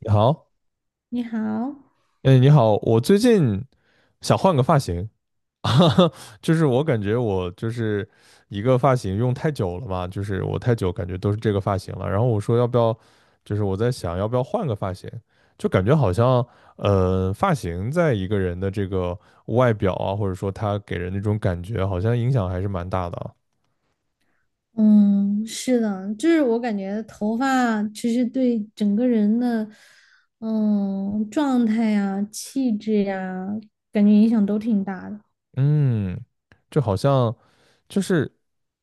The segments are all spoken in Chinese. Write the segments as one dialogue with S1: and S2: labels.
S1: 你好，
S2: 你好。
S1: 哎，你好，我最近想换个发型，就是我感觉我就是一个发型用太久了嘛，就是我太久感觉都是这个发型了，然后我说要不要，就是我在想要不要换个发型，就感觉好像发型在一个人的这个外表啊，或者说他给人那种感觉，好像影响还是蛮大的啊。
S2: 嗯，是的，就是我感觉头发其实对整个人的，嗯，状态呀、气质呀，感觉影响都挺大的。
S1: 嗯，就好像。就是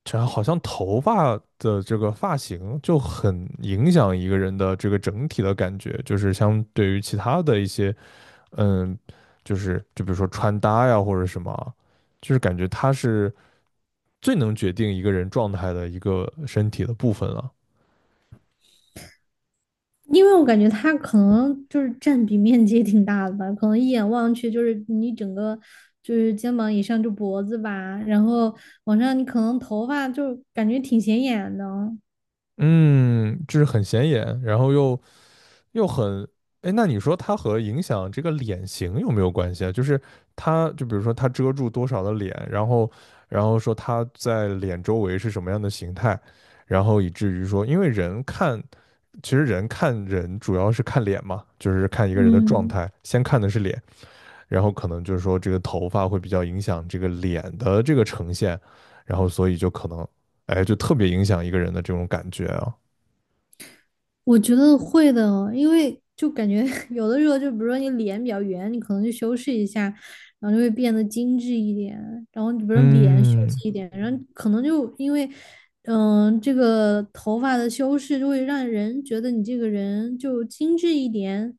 S1: 这好像头发的这个发型就很影响一个人的这个整体的感觉，就是相对于其他的一些，嗯，就是就比如说穿搭呀或者什么，就是感觉它是最能决定一个人状态的一个身体的部分了。
S2: 因为我感觉它可能就是占比面积也挺大的吧，可能一眼望去就是你整个就是肩膀以上就脖子吧，然后往上你可能头发就感觉挺显眼的。
S1: 嗯，就是很显眼，然后又很，哎，那你说它和影响这个脸型有没有关系啊？就是它，就比如说它遮住多少的脸，然后说它在脸周围是什么样的形态，然后以至于说，因为人看，其实人看人主要是看脸嘛，就是看一个人的状
S2: 嗯，
S1: 态，先看的是脸，然后可能就是说这个头发会比较影响这个脸的这个呈现，然后所以就可能，哎，就特别影响一个人的这种感觉啊。
S2: 我觉得会的哦，因为就感觉 有的时候，就比如说你脸比较圆，你可能就修饰一下，然后就会变得精致一点。然后你比如说脸秀
S1: 嗯，
S2: 气一点，然后可能就因为，这个头发的修饰就会让人觉得你这个人就精致一点，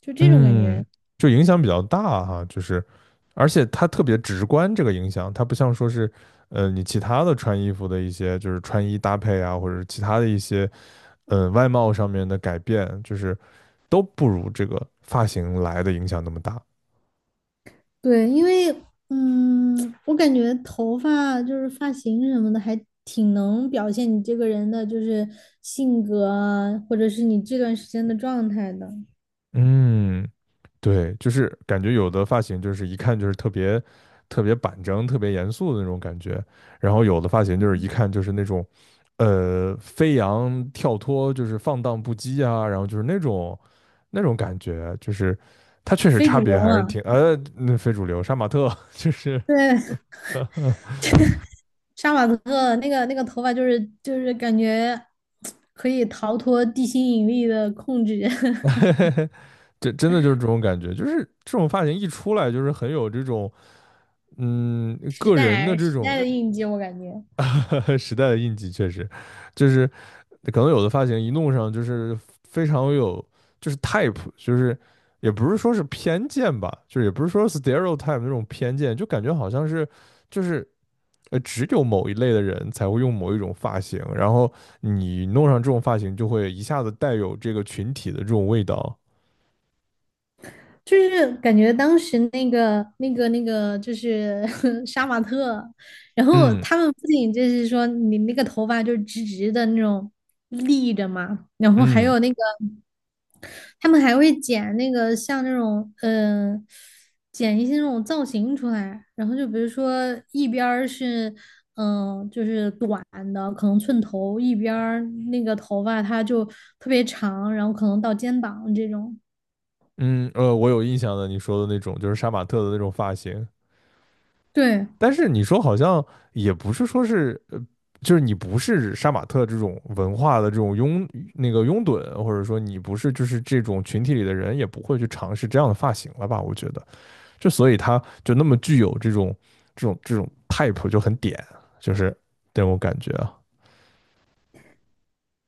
S2: 就这种感
S1: 嗯，
S2: 觉。
S1: 就影响比较大哈，就是，而且它特别直观，这个影响，它不像说是，你其他的穿衣服的一些，就是穿衣搭配啊，或者是其他的一些，外貌上面的改变，就是都不如这个发型来的影响那么大。
S2: 对，因为，嗯，我感觉头发就是发型什么的，还挺能表现你这个人的，就是性格啊，或者是你这段时间的状态的。
S1: 嗯，对，就是感觉有的发型就是一看就是特别特别板正、特别严肃的那种感觉，然后有的发型就是一看就是那种，飞扬跳脱，就是放荡不羁啊，然后就是那种感觉，就是它确实
S2: 非
S1: 差
S2: 主流
S1: 别还是挺
S2: 啊，
S1: 呃，那非主流杀马特 就是
S2: 对，杀马特那个头发，就是感觉可以逃脱地心引力的控制。
S1: 这真的就是这种感觉，就是这种发型一出来就是很有这种
S2: 时
S1: 个人的
S2: 代
S1: 这
S2: 时
S1: 种
S2: 代的印记，我感觉。
S1: 时代的印记，确实就是可能有的发型一弄上就是非常有，就是 type，就是也不是说是偏见吧，就是也不是说 stereotype 那种偏见，就感觉好像是就是只有某一类的人才会用某一种发型，然后你弄上这种发型就会一下子带有这个群体的这种味道。
S2: 就是感觉当时就是 杀马特，然后
S1: 嗯
S2: 他们不仅就是说你那个头发就是直直的那种立着嘛，然后还
S1: 嗯
S2: 有那个，他们还会剪那个像那种剪一些那种造型出来，然后就比如说一边儿是就是短的，可能寸头，一边儿那个头发它就特别长，然后可能到肩膀这种。
S1: 嗯，我有印象的，你说的那种就是杀马特的那种发型，
S2: 对。
S1: 但是你说好像也不是说是就是你不是杀马特这种文化的这种拥那个拥趸，或者说你不是就是这种群体里的人，也不会去尝试这样的发型了吧？我觉得，就所以他就那么具有这种 type 就很点，就是这种感觉啊。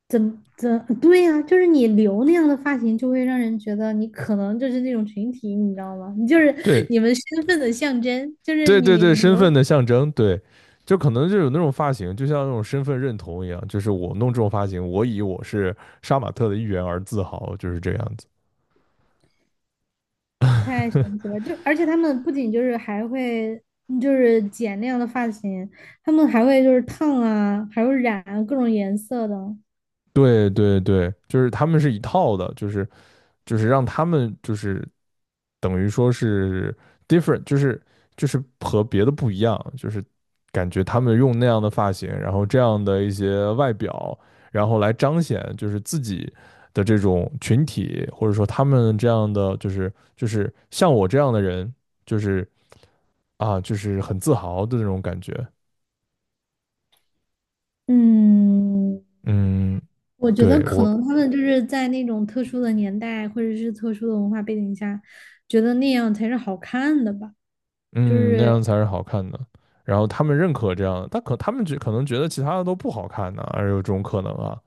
S2: 对呀，啊，就是你留那样的发型，就会让人觉得你可能就是那种群体，你知道吗？你就是
S1: 对
S2: 你们身份的象征，就是
S1: 对对
S2: 你
S1: 对，身
S2: 留
S1: 份的象征，对，就可能就有那种发型，就像那种身份认同一样，就是我弄这种发型，我以我是杀马特的一员而自豪，就是这样子。
S2: 太神奇了。就而且他们不仅就是还会就是剪那样的发型，他们还会就是烫啊，还会染啊各种颜色的。
S1: 对对对，就是他们是一套的，就是让他们就是等于说是 different，就是和别的不一样，就是感觉他们用那样的发型，然后这样的一些外表，然后来彰显就是自己的这种群体，或者说他们这样的就是像我这样的人，就是啊就是很自豪的那种感觉。
S2: 嗯，
S1: 嗯，
S2: 我觉得
S1: 对，
S2: 可能他们就是在那种特殊的年代或者是特殊的文化背景下，觉得那样才是好看的吧。就
S1: 那
S2: 是
S1: 样才是好看的。然后他们认可这样的，他们可能觉得其他的都不好看呢、而有这种可能啊。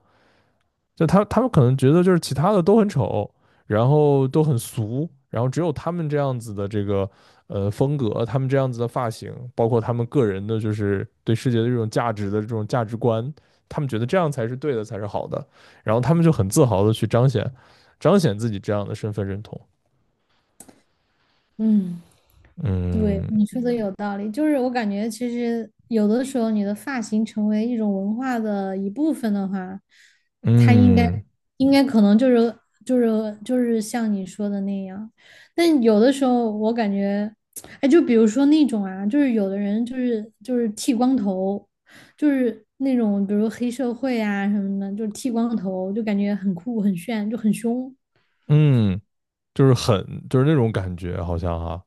S1: 就他们可能觉得就是其他的都很丑，然后都很俗，然后只有他们这样子的这个风格，他们这样子的发型，包括他们个人的就是对世界的这种价值的这种价值观，他们觉得这样才是对的，才是好的。然后他们就很自豪的去彰显自己这样的身份认同。
S2: 对，
S1: 嗯
S2: 你说的有道理，就是我感觉其实有的时候你的发型成为一种文化的一部分的话，它应该
S1: 嗯
S2: 应该可能就是就是像你说的那样，但有的时候我感觉，哎，就比如说那种啊，就是有的人就是剃光头，就是那种比如黑社会啊什么的，就是剃光头，就感觉很酷很炫，就很凶。
S1: 嗯。就是很就是那种感觉，好像哈、啊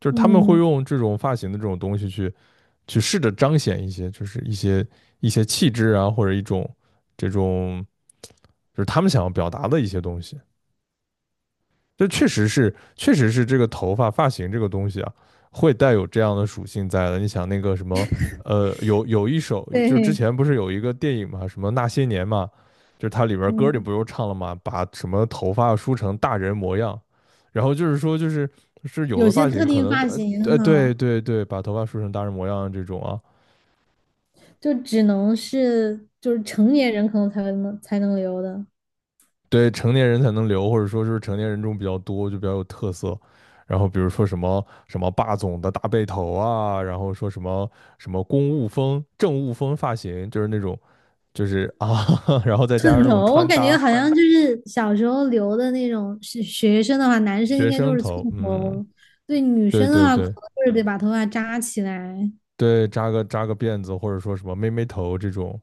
S1: 就是他们会
S2: 嗯，
S1: 用这种发型的这种东西去试着彰显一些，就是一些一些气质啊，或者一种这种就是他们想要表达的一些东西。这确实是，确实是这个头发发型这个东西啊，会带有这样的属性在的。你想那个什么，有一首，就是之
S2: 对，
S1: 前不是有一个电影嘛，什么那些年嘛，就是它里边歌里
S2: 嗯，
S1: 不就唱了嘛，把什么头发梳成大人模样，然后就是说就是有
S2: 有
S1: 的
S2: 些
S1: 发
S2: 特
S1: 型可
S2: 定
S1: 能
S2: 发型
S1: 对
S2: 哈。
S1: 对对，把头发梳成大人模样这种啊，
S2: 就只能是就是成年人可能才能留的
S1: 对成年人才能留，或者说是成年人中比较多，就比较有特色。然后比如说什么什么霸总的大背头啊，然后说什么什么公务风、政务风发型，就是那种就是啊，然后再加
S2: 寸
S1: 上那
S2: 头。
S1: 种
S2: 哦，我
S1: 穿
S2: 感觉
S1: 搭
S2: 好像就是小时候留的那种是学生的话，男生
S1: 学
S2: 应该就
S1: 生
S2: 是寸
S1: 头，嗯，
S2: 头。对，女
S1: 对
S2: 生的
S1: 对
S2: 话可能
S1: 对
S2: 就是得把头发扎起来。
S1: 对，扎个辫子，或者说什么妹妹头这种，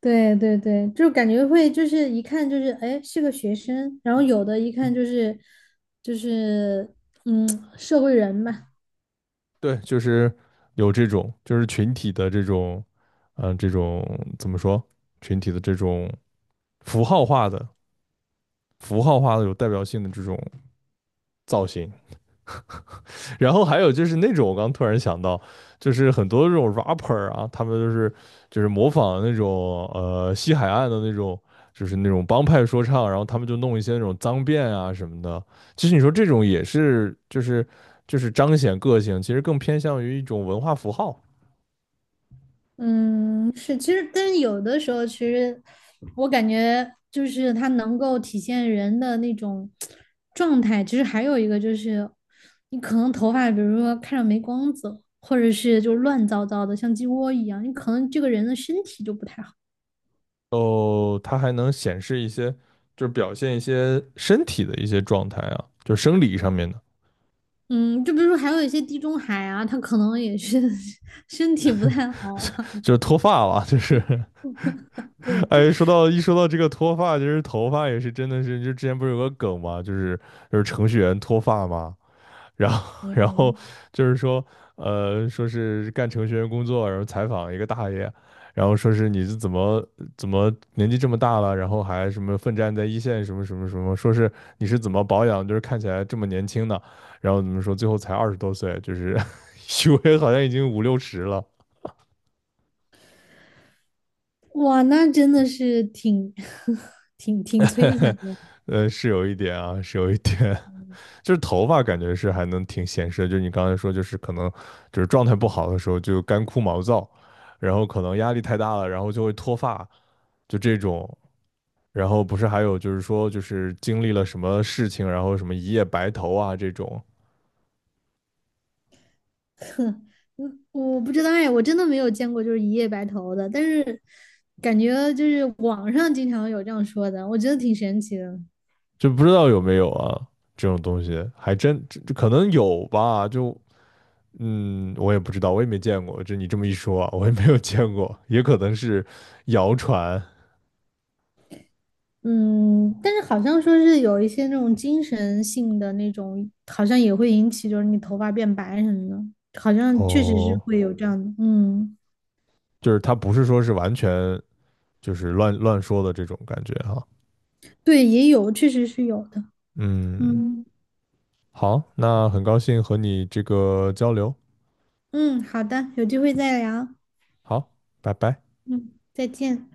S2: 对对对，就感觉会就是一看就是哎是个学生，然后有的一看就是，就是，嗯，社会人吧。
S1: 对，就是有这种就是群体的这种，这种怎么说群体的这种符号化的符号化的有代表性的这种造型。然后还有就是那种，我刚突然想到，就是很多这种 rapper 啊，他们就是模仿那种西海岸的那种，就是那种帮派说唱，然后他们就弄一些那种脏辫啊什么的。其实你说这种也是，就是彰显个性，其实更偏向于一种文化符号。
S2: 嗯，是，其实，但是有的时候，其实我感觉就是它能够体现人的那种状态。其实还有一个就是，你可能头发，比如说看着没光泽，或者是就乱糟糟的，像鸡窝一样，你可能这个人的身体就不太好。
S1: 哦，它还能显示一些，就是表现一些身体的一些状态啊，就是生理上面的，
S2: 嗯，就比如说还有一些地中海啊，他可能也是 身体不太好。
S1: 就是脱发了，就是
S2: 对。
S1: 哎，说到这个脱发，其实头发也是真的是，就之前不是有个梗嘛，就是程序员脱发嘛，然后
S2: 嗯，
S1: 然后
S2: 嗯，
S1: 就是说，说是干程序员工作，然后采访一个大爷，然后说是你是怎么年纪这么大了，然后还什么奋战在一线什么什么什么，说是你是怎么保养，就是看起来这么年轻的，然后怎么说最后才20多岁，就是 以为好像已经五六十了，
S2: 哇，那真的是挺 挺挺摧残。
S1: 是有一点啊，是有一点，就是头发感觉是还能挺显示的，就是你刚才说，就是可能就是状态不好的时候就干枯毛躁，然后可能压力太大了，然后就会脱发，就这种。然后不是还有就是说，就是经历了什么事情，然后什么一夜白头啊这种，
S2: 嗯，我不知道哎，我真的没有见过就是一夜白头的，但是感觉就是网上经常有这样说的，我觉得挺神奇的。
S1: 就不知道有没有啊这种东西，还真可能有吧，我也不知道，我也没见过。就你这么一说啊，我也没有见过，也可能是谣传
S2: 嗯，但是好像说是有一些那种精神性的那种，好像也会引起就是你头发变白什么的，好像确实是
S1: 哦，
S2: 会有这样的。嗯，
S1: 就是它不是说是完全就是乱说的这种感觉哈。
S2: 对，也有，确实是有的。
S1: 嗯，
S2: 嗯。
S1: 好，那很高兴和你这个交流，
S2: 嗯，好的，有机会再聊。
S1: 好，拜拜。
S2: 嗯，再见。